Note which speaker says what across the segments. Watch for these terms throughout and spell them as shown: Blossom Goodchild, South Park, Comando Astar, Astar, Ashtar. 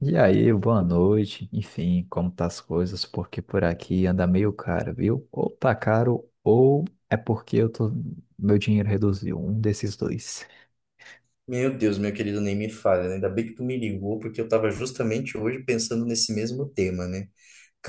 Speaker 1: E aí, boa noite. Enfim, como tá as coisas? Porque por aqui anda meio caro, viu? Ou tá caro, ou é porque eu tô, meu dinheiro reduziu. Um desses dois.
Speaker 2: Meu Deus, meu querido, nem me fale, né? Ainda bem que tu me ligou, porque eu estava justamente hoje pensando nesse mesmo tema, né?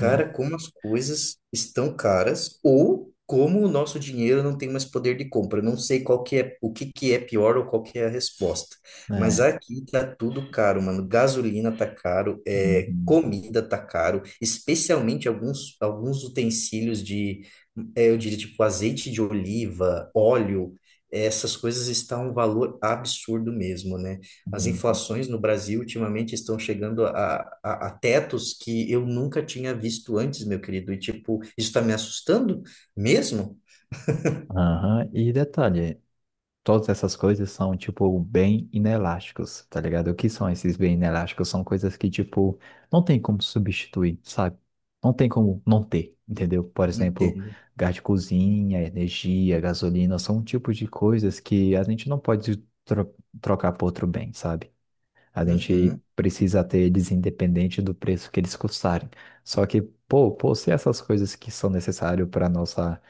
Speaker 1: É.
Speaker 2: como as coisas estão caras ou como o nosso dinheiro não tem mais poder de compra. Não sei qual que é, o que que é pior ou qual que é a resposta. Mas
Speaker 1: É.
Speaker 2: aqui tá tudo caro, mano. Gasolina tá caro,
Speaker 1: Uhum.
Speaker 2: comida tá caro, especialmente alguns utensílios de, eu diria, tipo azeite de oliva, óleo. Essas coisas estão um valor absurdo mesmo, né? As
Speaker 1: Uhum.
Speaker 2: inflações no Brasil ultimamente estão chegando a tetos que eu nunca tinha visto antes, meu querido. E, tipo, isso está me assustando mesmo?
Speaker 1: Aham. E detalhe, todas essas coisas são, tipo, bem inelásticos, tá ligado? O que são esses bem inelásticos? São coisas que, tipo, não tem como substituir, sabe? Não tem como não ter, entendeu? Por exemplo,
Speaker 2: Entendo.
Speaker 1: gás de cozinha, energia, gasolina, são um tipo de coisas que a gente não pode tro- trocar por outro bem, sabe? A gente
Speaker 2: Uhum,
Speaker 1: precisa ter eles independente do preço que eles custarem. Só que, pô, se essas coisas que são necessárias para nossa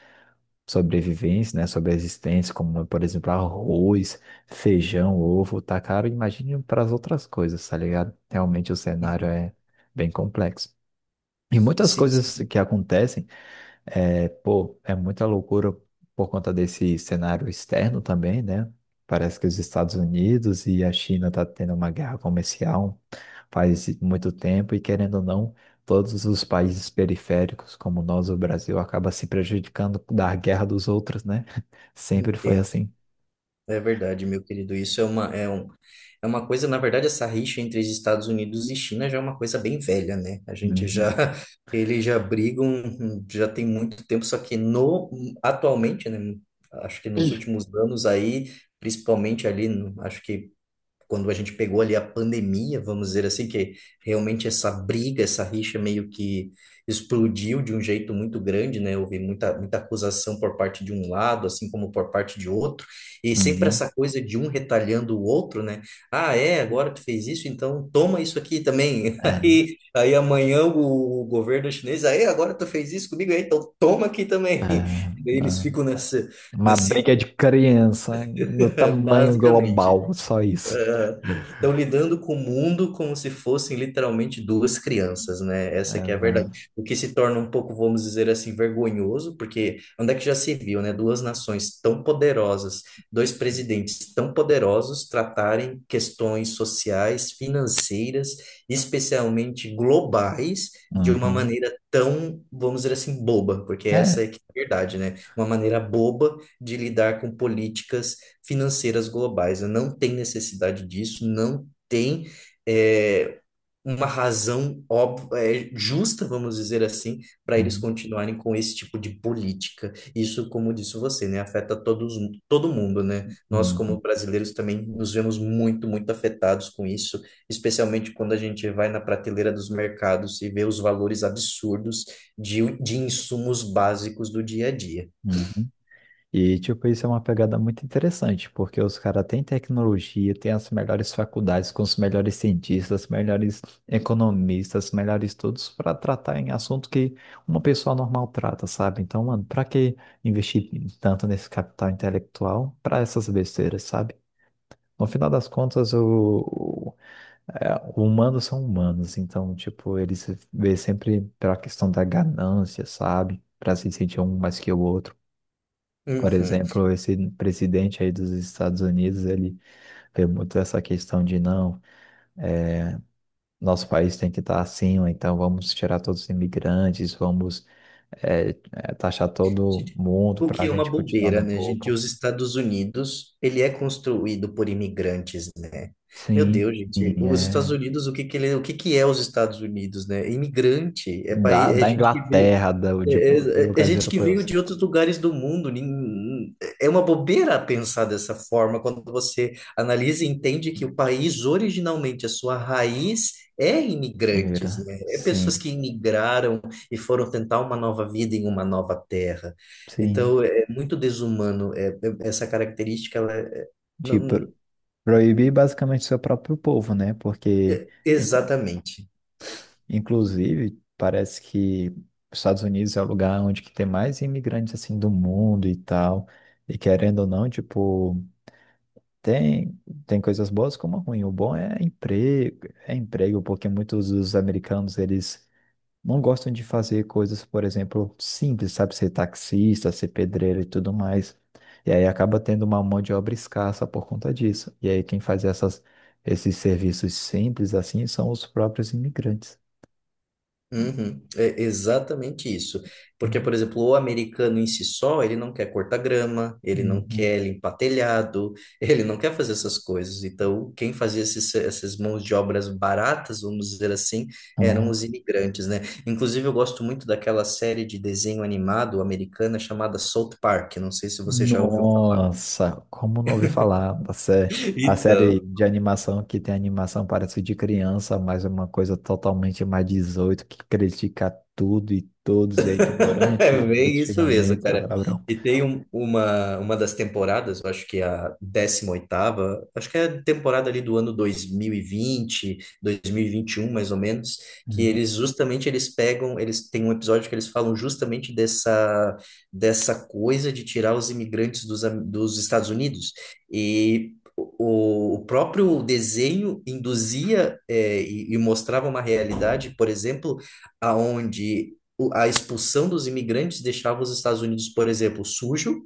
Speaker 1: sobrevivência, né, sobre a existência, como, por exemplo, arroz, feijão, ovo, tá caro, imagine para as outras coisas, tá ligado? Realmente o cenário
Speaker 2: uhum.
Speaker 1: é bem complexo. E muitas
Speaker 2: Sim,
Speaker 1: coisas
Speaker 2: sim,
Speaker 1: que acontecem pô, é muita loucura por conta desse cenário externo também, né? Parece que os Estados Unidos e a China tá tendo uma guerra comercial faz muito tempo e querendo ou não, todos os países periféricos, como nós, o Brasil, acaba se prejudicando da guerra dos outros, né? Sempre foi
Speaker 2: entendo.
Speaker 1: assim.
Speaker 2: É verdade, meu querido. É uma coisa, na verdade, essa rixa entre os Estados Unidos e China já é uma coisa bem velha, né? A gente já,
Speaker 1: Uhum,
Speaker 2: eles já brigam, já tem muito tempo, só que no, atualmente, né? Acho que nos últimos anos aí, principalmente ali, acho que quando a gente pegou ali a pandemia, vamos dizer assim, que realmente essa briga, essa rixa meio que explodiu de um jeito muito grande, né? Houve muita acusação por parte de um lado, assim como por parte de outro, e sempre
Speaker 1: uhum.
Speaker 2: essa coisa de um retalhando o outro, né? Ah, é, agora tu fez isso, então toma isso aqui também.
Speaker 1: É,
Speaker 2: Aí amanhã o, governo chinês, aí agora tu fez isso comigo, aí, então toma aqui
Speaker 1: é,
Speaker 2: também. E daí eles
Speaker 1: é.
Speaker 2: ficam
Speaker 1: Uma
Speaker 2: nesse,
Speaker 1: briga de criança no tamanho
Speaker 2: basicamente.
Speaker 1: global, só isso.
Speaker 2: Estão lidando com o mundo como se fossem literalmente duas crianças, né? Essa
Speaker 1: É,
Speaker 2: que é a verdade.
Speaker 1: né?
Speaker 2: O que se torna um pouco, vamos dizer assim, vergonhoso, porque onde é que já se viu, né? Duas nações tão poderosas, dois presidentes tão poderosos tratarem questões sociais, financeiras, especialmente globais, de uma
Speaker 1: Uhum.
Speaker 2: maneira tão, vamos dizer assim, boba, porque
Speaker 1: É.
Speaker 2: essa é que é a verdade, né? Uma maneira boba de lidar com políticas financeiras globais, né? Não tem necessidade disso, não tem é, uma razão óbvia, justa, vamos dizer assim, para eles
Speaker 1: Uhum.
Speaker 2: continuarem com esse tipo de política. Isso, como disse você, né, afeta todos, todo mundo, né? Nós,
Speaker 1: Uhum,
Speaker 2: como brasileiros, também nos vemos muito afetados com isso, especialmente quando a gente vai na prateleira dos mercados e vê os valores absurdos de insumos básicos do dia a dia.
Speaker 1: uhum. E, tipo, isso é uma pegada muito interessante, porque os caras têm tecnologia, têm as melhores faculdades, com os melhores cientistas, melhores economistas, melhores todos para tratar em assunto que uma pessoa normal trata, sabe? Então, mano, pra que investir tanto nesse capital intelectual para essas besteiras, sabe? No final das contas, o- é, humanos são humanos, então, tipo, eles se vê sempre pela questão da ganância, sabe? Para se sentir um mais que o outro. Por
Speaker 2: Uhum.
Speaker 1: exemplo, esse presidente aí dos Estados Unidos, ele vê muito essa questão de não, é, nosso país tem que estar assim, ou então vamos tirar todos os imigrantes, vamos taxar todo
Speaker 2: Gente,
Speaker 1: mundo
Speaker 2: o
Speaker 1: para
Speaker 2: que
Speaker 1: a
Speaker 2: é uma
Speaker 1: gente continuar
Speaker 2: bobeira,
Speaker 1: no
Speaker 2: né, gente?
Speaker 1: topo.
Speaker 2: Os Estados Unidos, ele é construído por imigrantes, né? Meu
Speaker 1: Sim,
Speaker 2: Deus, gente,
Speaker 1: sim,
Speaker 2: os Estados
Speaker 1: é.
Speaker 2: Unidos, o que que ele, o que que é os Estados Unidos, né? Imigrante, é país,
Speaker 1: Da,
Speaker 2: é
Speaker 1: da
Speaker 2: gente que
Speaker 1: Inglaterra, da,
Speaker 2: é,
Speaker 1: de, de
Speaker 2: é
Speaker 1: lugares
Speaker 2: gente que veio
Speaker 1: europeus.
Speaker 2: de outros lugares do mundo. É uma bobeira pensar dessa forma quando você analisa e entende que o país, originalmente, a sua raiz é imigrantes,
Speaker 1: Era.
Speaker 2: né? É pessoas que
Speaker 1: Sim,
Speaker 2: imigraram e foram tentar uma nova vida em uma nova terra.
Speaker 1: sim.
Speaker 2: Então, é muito desumano. Essa característica, ela é-
Speaker 1: De
Speaker 2: não,
Speaker 1: proibir basicamente seu próprio povo, né? Porque
Speaker 2: exatamente.
Speaker 1: Inclusive, parece que os Estados Unidos é o lugar onde que tem mais imigrantes assim do mundo e tal. E querendo ou não, tipo, tem, tem coisas boas como ruim. O bom é emprego, porque muitos dos americanos, eles não gostam de fazer coisas, por exemplo, simples, sabe? Ser taxista, ser pedreiro e tudo mais. E aí acaba tendo uma mão de obra escassa por conta disso. E aí quem faz esses serviços simples assim são os próprios imigrantes.
Speaker 2: Uhum, é exatamente isso. Porque,
Speaker 1: Uhum.
Speaker 2: por exemplo, o americano em si só, ele não quer cortar grama, ele não
Speaker 1: Uhum.
Speaker 2: quer limpar telhado, ele não quer fazer essas coisas. Então, quem fazia essas mãos de obras baratas, vamos dizer assim, eram
Speaker 1: Ah,
Speaker 2: os imigrantes, né? Inclusive, eu gosto muito daquela série de desenho animado americana chamada South Park. Não sei se você já ouviu falar.
Speaker 1: Nossa, como não ouvi falar a série
Speaker 2: Então.
Speaker 1: de animação que tem animação parece de criança, mas é uma coisa totalmente mais 18 que critica tudo e todos, e é
Speaker 2: É
Speaker 1: ignorante,
Speaker 2: bem
Speaker 1: muito
Speaker 2: isso mesmo,
Speaker 1: xingamento, é
Speaker 2: cara.
Speaker 1: palavrão.
Speaker 2: E tem uma das temporadas, eu acho que é a 18ª, acho que é a temporada ali do ano 2021, mais ou menos, que
Speaker 1: Uhum.
Speaker 2: eles justamente eles pegam, eles têm um episódio que eles falam justamente dessa coisa de tirar os imigrantes dos Estados Unidos. E o próprio desenho induzia, e mostrava uma realidade, por exemplo, aonde a expulsão dos imigrantes deixava os Estados Unidos, por exemplo, sujo,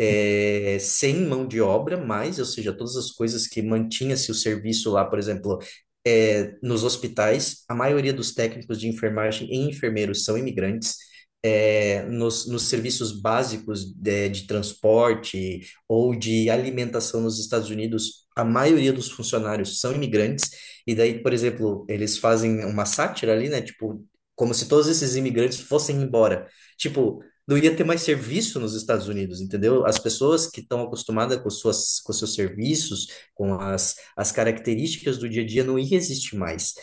Speaker 2: sem mão de obra, mas, ou seja, todas as coisas que mantinha-se o serviço lá, por exemplo, nos hospitais, a maioria dos técnicos de enfermagem e enfermeiros são imigrantes. É, nos serviços básicos de transporte ou de alimentação nos Estados Unidos, a maioria dos funcionários são imigrantes, e daí, por exemplo, eles fazem uma sátira ali, né? Tipo, como se todos esses imigrantes fossem embora. Tipo, não ia ter mais serviço nos Estados Unidos, entendeu? As pessoas que estão acostumadas com suas, com seus serviços, com as, as características do dia a dia, não ia existir mais.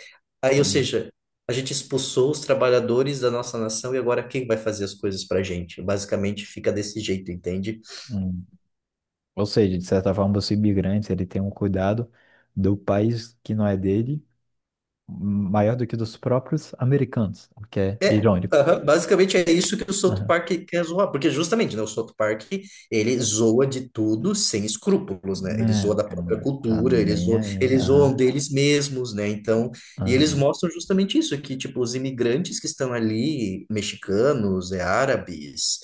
Speaker 2: Aí, ou
Speaker 1: Sim.
Speaker 2: seja, a gente expulsou os trabalhadores da nossa nação e agora quem vai fazer as coisas para a gente? Basicamente fica desse jeito, entende?
Speaker 1: Hum. Ou seja, de certa forma, os imigrantes, ele tem um cuidado do país que não é dele, maior do que dos próprios americanos, o que é
Speaker 2: É,
Speaker 1: irônico.
Speaker 2: aham, basicamente é isso que o South
Speaker 1: Uhum.
Speaker 2: Park quer zoar, porque justamente, né, o South Park, ele zoa de tudo sem escrúpulos, né? Ele
Speaker 1: É,
Speaker 2: zoa
Speaker 1: o
Speaker 2: da
Speaker 1: cara
Speaker 2: própria
Speaker 1: não tá
Speaker 2: cultura,
Speaker 1: nem aí.
Speaker 2: eles zoam
Speaker 1: Aham,
Speaker 2: deles mesmos, né? Então, e eles
Speaker 1: aham.
Speaker 2: mostram justamente isso, que tipo, os imigrantes que estão ali, mexicanos, árabes,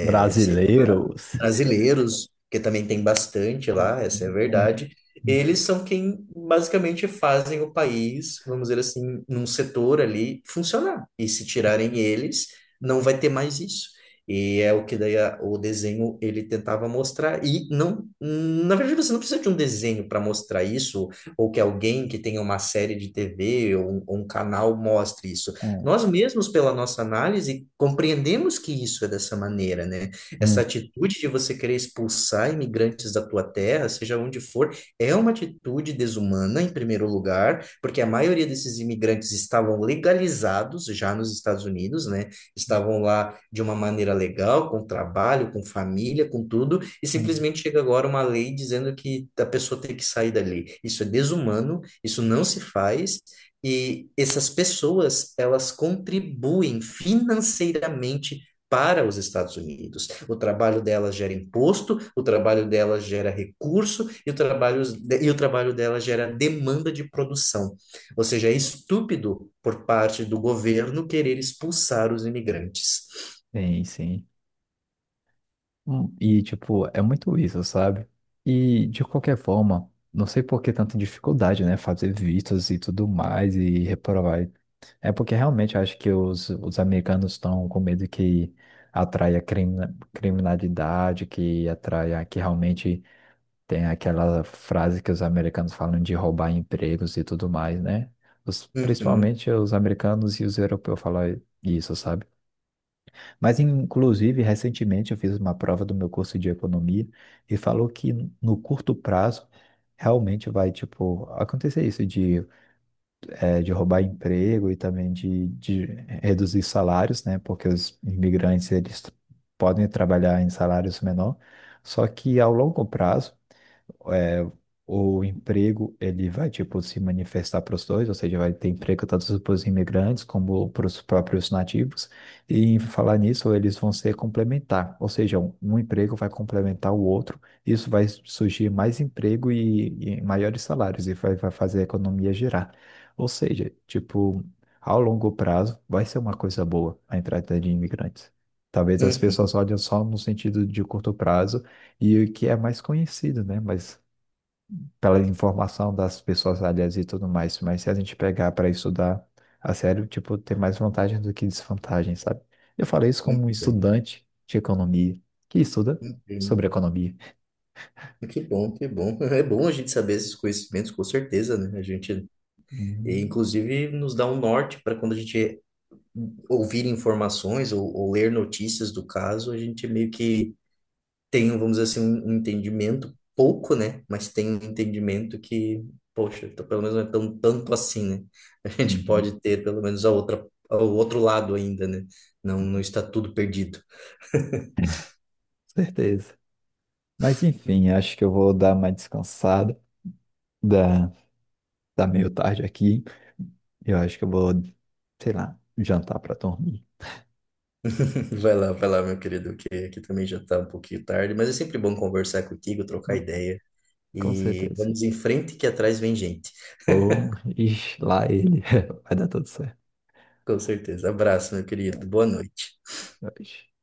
Speaker 1: Brasileiros.
Speaker 2: brasileiros, que também tem bastante lá, essa é a
Speaker 1: Uhum, claro.
Speaker 2: verdade, eles
Speaker 1: Uhum,
Speaker 2: são quem basicamente fazem o país, vamos dizer assim, num setor ali funcionar. E se tirarem eles, não vai ter mais isso. E é o que daí o desenho ele tentava mostrar. E não, na verdade, você não precisa de um desenho para mostrar isso, ou que alguém que tenha uma série de TV ou um canal mostre isso.
Speaker 1: é,
Speaker 2: Nós mesmos, pela nossa análise, compreendemos que isso é dessa maneira, né? Essa
Speaker 1: uhum,
Speaker 2: atitude de você querer expulsar imigrantes da tua terra, seja onde for, é uma atitude desumana, em primeiro lugar, porque a maioria desses imigrantes estavam legalizados já nos Estados Unidos, né? Estavam lá de uma maneira legal, com trabalho, com família, com tudo, e
Speaker 1: uhum.
Speaker 2: simplesmente chega agora uma lei dizendo que a pessoa tem que sair dali. Isso é desumano, isso não se faz. E essas pessoas, elas contribuem financeiramente para os Estados Unidos. O trabalho delas gera imposto, o trabalho delas gera recurso e o trabalho delas gera demanda de produção. Ou seja, é estúpido por parte do governo querer expulsar os imigrantes.
Speaker 1: Sim, sim. E, tipo, é muito isso, sabe? E, de qualquer forma, não sei por que tanta dificuldade, né? Fazer vistos e tudo mais e reprovar. É porque realmente eu acho que os americanos estão com medo que atraia criminalidade, que atraia que realmente. Tem aquela frase que os americanos falam de roubar empregos e tudo mais, né? Os-
Speaker 2: Uhum,
Speaker 1: principalmente os americanos e os europeus falam isso, sabe? Mas, inclusive, recentemente eu fiz uma prova do meu curso de economia e falou que no curto prazo realmente vai, tipo, acontecer isso de roubar emprego e também de reduzir salários, né? Porque os imigrantes, eles podem trabalhar em salários menor, só que ao longo prazo é, o emprego ele vai tipo se manifestar para os dois, ou seja, vai ter emprego tanto para os imigrantes como para os próprios nativos. E em falar nisso, eles vão ser complementar, ou seja, um emprego vai complementar o outro. Isso vai surgir mais emprego e maiores salários e vai fazer a economia girar. Ou seja, tipo, ao longo prazo vai ser uma coisa boa a entrada de imigrantes. Talvez as pessoas
Speaker 2: uhum,
Speaker 1: olhem só no sentido de curto prazo e o que é mais conhecido, né? Mas pela informação das pessoas alheias e tudo mais, mas se a gente pegar para estudar a sério, tipo, tem mais vantagem do que desvantagem, sabe? Eu falei isso como um
Speaker 2: entendo,
Speaker 1: estudante de economia, que estuda
Speaker 2: entendo.
Speaker 1: sobre economia.
Speaker 2: Que bom, que bom. É bom a gente saber esses conhecimentos, com certeza, né? A gente, e,
Speaker 1: Uhum,
Speaker 2: inclusive, nos dá um norte para quando a gente ouvir informações ou ler notícias do caso, a gente meio que tem, vamos dizer assim, um entendimento pouco, né? Mas tem um entendimento que, poxa, então pelo menos não é tão tanto assim, né? A gente
Speaker 1: uhum,
Speaker 2: pode ter pelo menos o outro lado ainda, né? Não, não está tudo perdido.
Speaker 1: certeza. Mas enfim, acho que eu vou dar uma descansada, da, da meio tarde aqui. Eu acho que eu vou, sei lá, jantar para dormir.
Speaker 2: Vai lá, meu querido, que aqui também já está um pouquinho tarde, mas é sempre bom conversar contigo, trocar
Speaker 1: Não,
Speaker 2: ideia.
Speaker 1: com
Speaker 2: E
Speaker 1: certeza.
Speaker 2: vamos em frente que atrás vem gente.
Speaker 1: Ou, ixi, lá ele. Vai dar tudo certo.
Speaker 2: Com certeza. Abraço, meu querido. Boa noite.
Speaker 1: Tá, tchau.